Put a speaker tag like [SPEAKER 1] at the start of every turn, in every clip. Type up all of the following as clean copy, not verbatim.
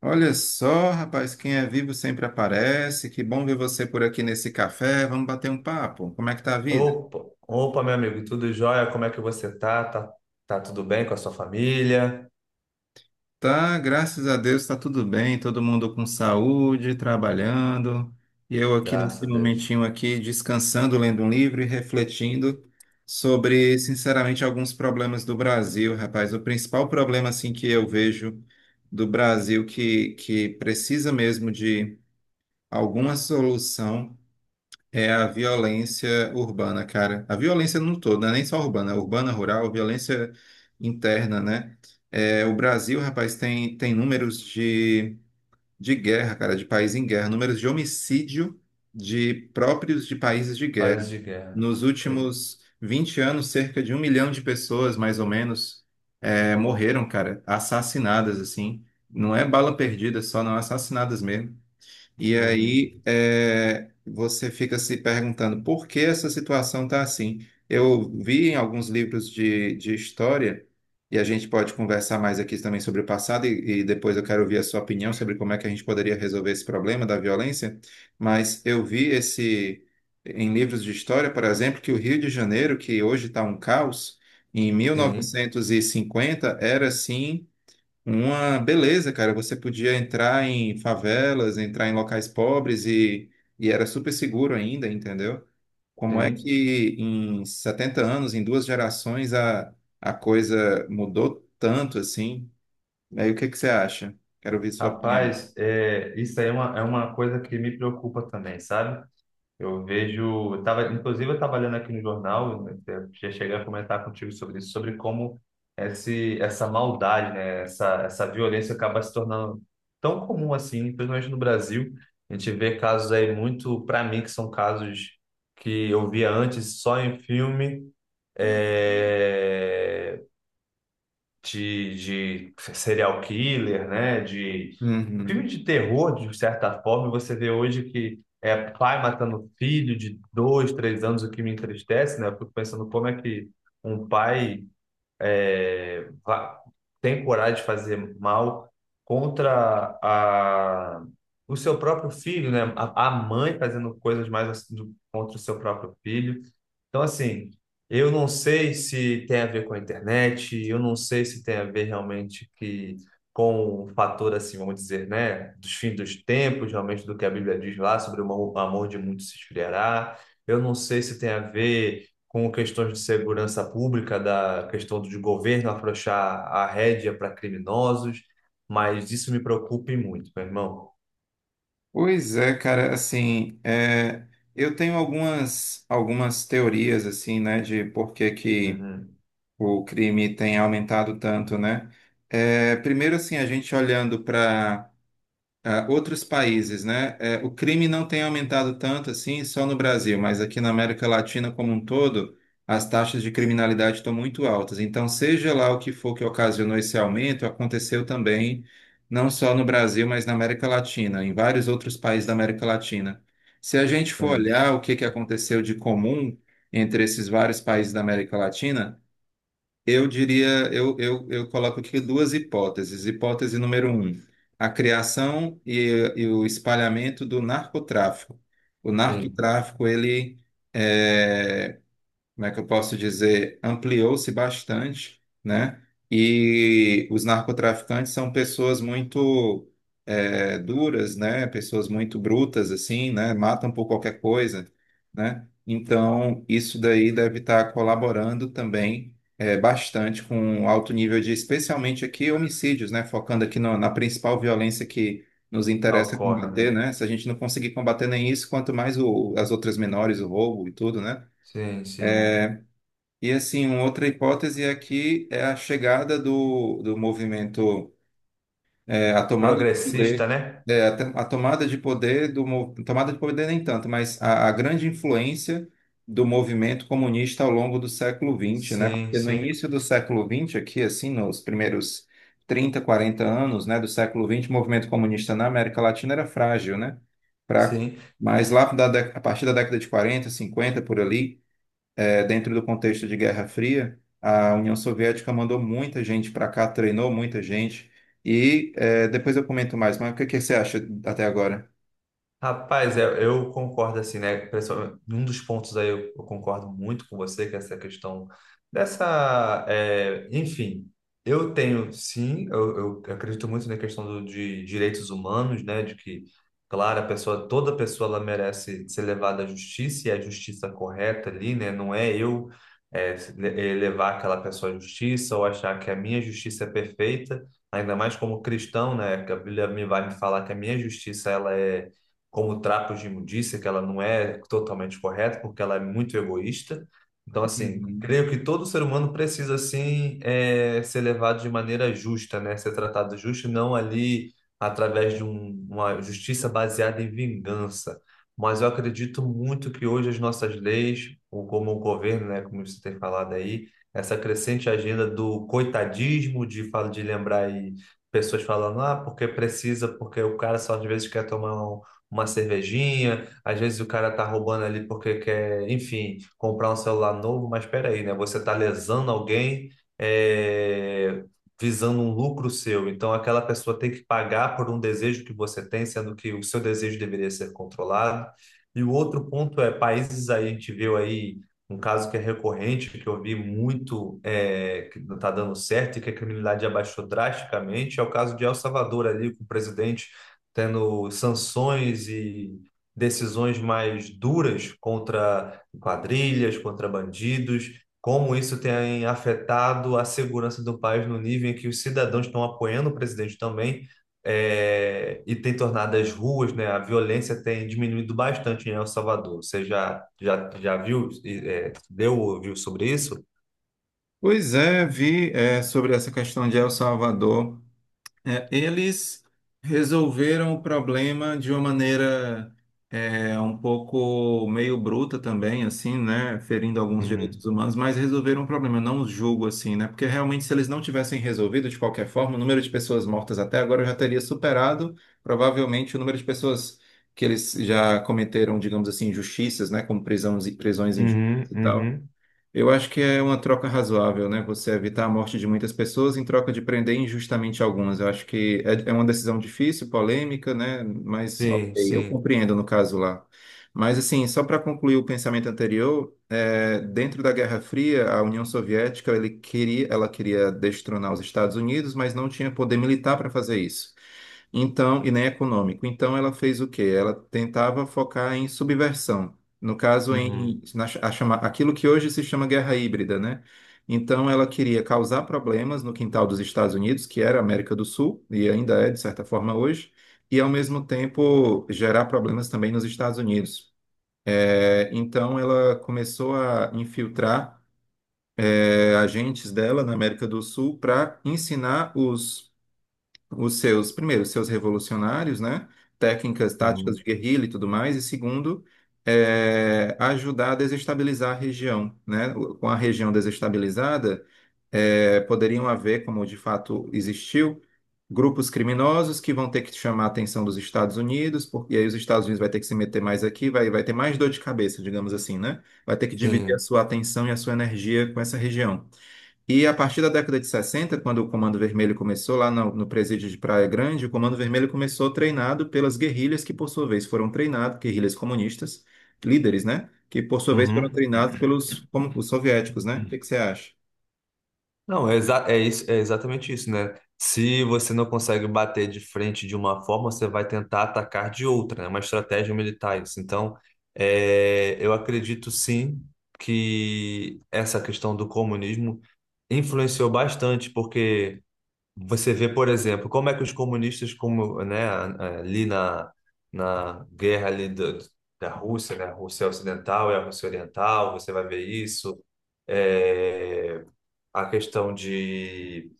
[SPEAKER 1] Olha só, rapaz, quem é vivo sempre aparece. Que bom ver você por aqui nesse café. Vamos bater um papo. Como é que tá a vida?
[SPEAKER 2] Opa, opa, meu amigo, tudo jóia? Como é que você tá? Tá tudo bem com a sua família?
[SPEAKER 1] Tá, graças a Deus, tá tudo bem, todo mundo com saúde, trabalhando. E eu aqui
[SPEAKER 2] Graças
[SPEAKER 1] nesse
[SPEAKER 2] a Deus.
[SPEAKER 1] momentinho aqui descansando, lendo um livro e refletindo sobre, sinceramente, alguns problemas do Brasil, rapaz. O principal problema assim que eu vejo do Brasil que precisa mesmo de alguma solução é a violência urbana, cara. A violência no todo, não é nem só urbana, é urbana, rural, violência interna, né? É, o Brasil, rapaz, tem números de guerra, cara, de país em guerra, números de homicídio de próprios de países de
[SPEAKER 2] Paz
[SPEAKER 1] guerra.
[SPEAKER 2] de guerra.
[SPEAKER 1] Nos
[SPEAKER 2] É,
[SPEAKER 1] últimos 20 anos, cerca de 1 milhão de pessoas, mais ou menos, morreram, cara, assassinadas, assim. Não é bala perdida só, não, assassinadas mesmo. E
[SPEAKER 2] uhum.
[SPEAKER 1] aí você fica se perguntando por que essa situação está assim. Eu vi em alguns livros de história, e a gente pode conversar mais aqui também sobre o passado, e depois eu quero ouvir a sua opinião sobre como é que a gente poderia resolver esse problema da violência, mas eu vi esse em livros de história, por exemplo, que o Rio de Janeiro, que hoje está um caos, em mil
[SPEAKER 2] Sim,
[SPEAKER 1] novecentos e cinquenta era assim uma beleza, cara. Você podia entrar em favelas, entrar em locais pobres e era super seguro ainda, entendeu? Como é
[SPEAKER 2] sim.
[SPEAKER 1] que em 70 anos, em duas gerações, a coisa mudou tanto assim? Aí o que que você acha? Quero ouvir sua opinião.
[SPEAKER 2] Rapaz, isso aí é uma coisa que me preocupa também, sabe? Eu vejo, eu tava, inclusive eu estava olhando aqui no jornal, né, até já cheguei a comentar contigo sobre isso, sobre como essa maldade, né, essa violência acaba se tornando tão comum assim, principalmente no Brasil. A gente vê casos aí muito, para mim, que são casos que eu via antes só em filme, é, de, de serial killer, né, de
[SPEAKER 1] Uhum.
[SPEAKER 2] filme de terror, de certa forma, você vê hoje que é pai matando filho de dois, três anos, o que me entristece, né? Eu fico pensando como é que um pai é, va- tem coragem de fazer mal contra a, o seu próprio filho, né? A mãe fazendo coisas mais assim, contra o seu próprio filho. Então, assim, eu não sei se tem a ver com a internet, eu não sei se tem a ver realmente que com o fator, assim, vamos dizer, né, dos fins dos tempos, realmente do que a Bíblia diz lá sobre o amor de muitos se esfriará. Eu não sei se tem a ver com questões de segurança pública, da questão do governo afrouxar a rédea para criminosos, mas isso me preocupa e muito, meu irmão.
[SPEAKER 1] Pois é, cara, assim, eu tenho algumas teorias, assim, né, de por que que
[SPEAKER 2] Uhum.
[SPEAKER 1] o crime tem aumentado tanto, né? É, primeiro, assim, a gente olhando para outros países, né? É, o crime não tem aumentado tanto assim só no Brasil, mas aqui na América Latina como um todo, as taxas de criminalidade estão muito altas. Então, seja lá o que for que ocasionou esse aumento, aconteceu também não só no Brasil, mas na América Latina, em vários outros países da América Latina. Se a gente for
[SPEAKER 2] Sim,
[SPEAKER 1] olhar o que que aconteceu de comum entre esses vários países da América Latina eu diria, eu coloco aqui duas hipóteses. Hipótese número um, a criação e o espalhamento do narcotráfico. O
[SPEAKER 2] sim.
[SPEAKER 1] narcotráfico, ele, eh, como é que eu posso dizer, ampliou-se bastante, né? E os narcotraficantes são pessoas muito duras, né? Pessoas muito brutas, assim, né? Matam por qualquer coisa, né? Então, isso daí deve estar colaborando também bastante com o alto nível de, especialmente aqui, homicídios, né? Focando aqui na principal violência que nos interessa
[SPEAKER 2] Ocorre, né?
[SPEAKER 1] combater, né? Se a gente não conseguir combater nem isso, quanto mais as outras menores, o roubo e tudo, né?
[SPEAKER 2] Sim, sim.
[SPEAKER 1] E assim, uma outra hipótese aqui é a chegada do movimento, a tomada de
[SPEAKER 2] Progressista,
[SPEAKER 1] poder,
[SPEAKER 2] né?
[SPEAKER 1] a tomada de poder tomada de poder nem tanto, mas a grande influência do movimento comunista ao longo do século XX, né?
[SPEAKER 2] Sim,
[SPEAKER 1] Porque no
[SPEAKER 2] sim,
[SPEAKER 1] início do século XX, aqui assim, nos primeiros 30, 40 anos, né, do século XX, o movimento comunista na América Latina era frágil, né? Fraco.
[SPEAKER 2] sim.
[SPEAKER 1] Mas lá a partir da década de 40, 50 por ali dentro do contexto de Guerra Fria, a União Soviética mandou muita gente para cá, treinou muita gente. E depois eu comento mais, mas o que que você acha até agora?
[SPEAKER 2] Rapaz, eu concordo assim, né? Pessoal, um dos pontos aí eu concordo muito com você, que é essa questão dessa, é, enfim, eu tenho sim, eu acredito muito na questão do, de direitos humanos, né? De que, claro, toda pessoa ela merece ser levada à justiça e a justiça correta ali, né? Não é eu levar aquela pessoa à justiça ou achar que a minha justiça é perfeita, ainda mais como cristão, né? Que a Bíblia me falar que a minha justiça ela é como trapos de imundícia, que ela não é totalmente correta, porque ela é muito egoísta. Então, assim,
[SPEAKER 1] Uhum.
[SPEAKER 2] creio que todo ser humano precisa, assim, é ser levado de maneira justa, né? Ser tratado justo, não ali através de uma justiça baseada em vingança. Mas eu acredito muito que hoje as nossas leis, ou como o governo, né, como você tem falado aí, essa crescente agenda do coitadismo, de lembrar aí pessoas falando, ah, porque precisa, porque o cara só às vezes quer tomar uma cervejinha, às vezes o cara tá roubando ali porque quer, enfim, comprar um celular novo, mas espera aí, né? Você tá lesando alguém, é, visando um lucro seu. Então, aquela pessoa tem que pagar por um desejo que você tem, sendo que o seu desejo deveria ser controlado. E o outro ponto é países aí, a gente viu aí um caso que é recorrente, que eu vi muito, é, que não está dando certo e que a criminalidade abaixou drasticamente, é o caso de El Salvador ali, com o presidente tendo sanções e decisões mais duras contra quadrilhas, contra bandidos, como isso tem afetado a segurança do país no nível em que os cidadãos estão apoiando o presidente também, eh, e tem tornado as ruas, né, a violência tem diminuído bastante em El Salvador. Você já viu, ouviu sobre isso?
[SPEAKER 1] Pois é, vi sobre essa questão de El Salvador. É, eles resolveram o problema de uma maneira um pouco meio bruta também, assim, né? Ferindo alguns
[SPEAKER 2] Uhum,
[SPEAKER 1] direitos humanos, mas resolveram o problema. Eu não os julgo assim, né? Porque realmente, se eles não tivessem resolvido de qualquer forma, o número de pessoas mortas até agora já teria superado, provavelmente, o número de pessoas que eles já cometeram, digamos assim, injustiças, né? Como prisões, prisões
[SPEAKER 2] uhum,
[SPEAKER 1] injustas e tal.
[SPEAKER 2] uhum,
[SPEAKER 1] Eu acho que é uma troca razoável, né? Você evitar a morte de muitas pessoas em troca de prender injustamente algumas. Eu acho que é uma decisão difícil, polêmica, né? Mas ok,
[SPEAKER 2] sim,
[SPEAKER 1] eu
[SPEAKER 2] sim,
[SPEAKER 1] compreendo no caso lá. Mas assim, só para concluir o pensamento anterior, dentro da Guerra Fria, a União Soviética ele queria, ela queria destronar os Estados Unidos, mas não tinha poder militar para fazer isso. Então, e nem econômico. Então, ela fez o quê? Ela tentava focar em subversão. No caso,
[SPEAKER 2] uhum,
[SPEAKER 1] aquilo que hoje se chama guerra híbrida, né? Então, ela queria causar problemas no quintal dos Estados Unidos, que era a América do Sul, e ainda é, de certa forma, hoje, e, ao mesmo tempo, gerar problemas também nos Estados Unidos. É, então, ela começou a infiltrar, agentes dela na América do Sul para ensinar os seus, primeiro, os seus revolucionários, né? Técnicas, táticas de
[SPEAKER 2] uhum,
[SPEAKER 1] guerrilha e tudo mais, e segundo, ajudar a desestabilizar a região, né? Com a região desestabilizada, poderiam haver, como de fato existiu, grupos criminosos que vão ter que chamar a atenção dos Estados Unidos, porque aí os Estados Unidos vai ter que se meter mais aqui, vai ter mais dor de cabeça, digamos assim, né? Vai ter que dividir a
[SPEAKER 2] sim.
[SPEAKER 1] sua atenção e a sua energia com essa região. E a partir da década de 60, quando o Comando Vermelho começou lá no presídio de Praia Grande, o Comando Vermelho começou treinado pelas guerrilhas que, por sua vez, foram treinados, guerrilhas comunistas, líderes, né? Que, por sua vez, foram
[SPEAKER 2] Uhum.
[SPEAKER 1] treinados pelos como, os soviéticos, né? O que que você acha?
[SPEAKER 2] Não, é isso, é exatamente isso, né? Se você não consegue bater de frente de uma forma, você vai tentar atacar de outra, né? É uma estratégia militar, isso. Então, é, eu acredito sim que essa questão do comunismo influenciou bastante, porque você vê, por exemplo, como é que os comunistas, como, né, na guerra ali da Rússia, né? A Rússia Ocidental e a Rússia Oriental, você vai ver isso. É, a questão de.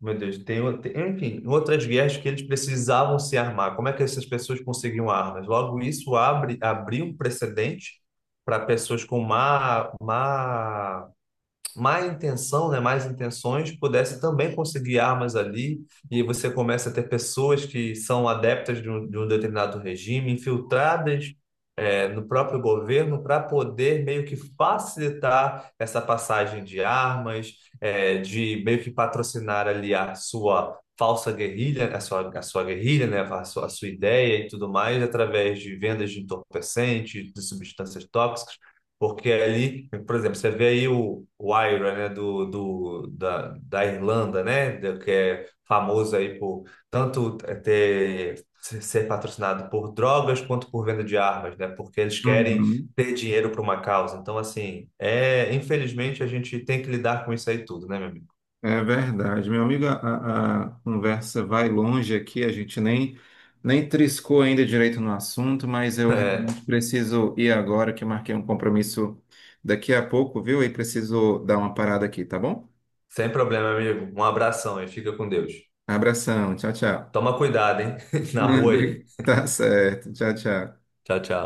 [SPEAKER 2] Meu Deus, enfim, outras guerras que eles precisavam se armar. Como é que essas pessoas conseguiam armas? Logo, abriu um precedente para pessoas com má intenção, né? Más intenções, pudessem também conseguir armas ali. E você começa a ter pessoas que são adeptas de um determinado regime, infiltradas é, no próprio governo para poder meio que facilitar essa passagem de armas, é, de meio que patrocinar ali a sua falsa guerrilha, a sua guerrilha, né, a sua ideia e tudo mais, através de vendas de entorpecentes, de substâncias tóxicas, porque ali, por exemplo, você vê aí o IRA, né, da Irlanda, né, que é famoso aí por tanto ter ser patrocinado por drogas quanto por venda de armas, né? Porque eles querem
[SPEAKER 1] Uhum.
[SPEAKER 2] ter dinheiro para uma causa. Então, assim, é, infelizmente a gente tem que lidar com isso aí tudo, né, meu amigo?
[SPEAKER 1] É verdade, meu amigo, a conversa vai longe aqui, a gente nem triscou ainda direito no assunto, mas eu
[SPEAKER 2] É,
[SPEAKER 1] realmente preciso ir agora, que eu marquei um compromisso daqui a pouco, viu? E preciso dar uma parada aqui, tá bom?
[SPEAKER 2] sem problema, amigo. Um abração e fica com Deus.
[SPEAKER 1] Abração. Tchau, tchau.
[SPEAKER 2] Toma cuidado, hein? Na rua aí.
[SPEAKER 1] Tá certo. Tchau, tchau.
[SPEAKER 2] Tchau, tchau.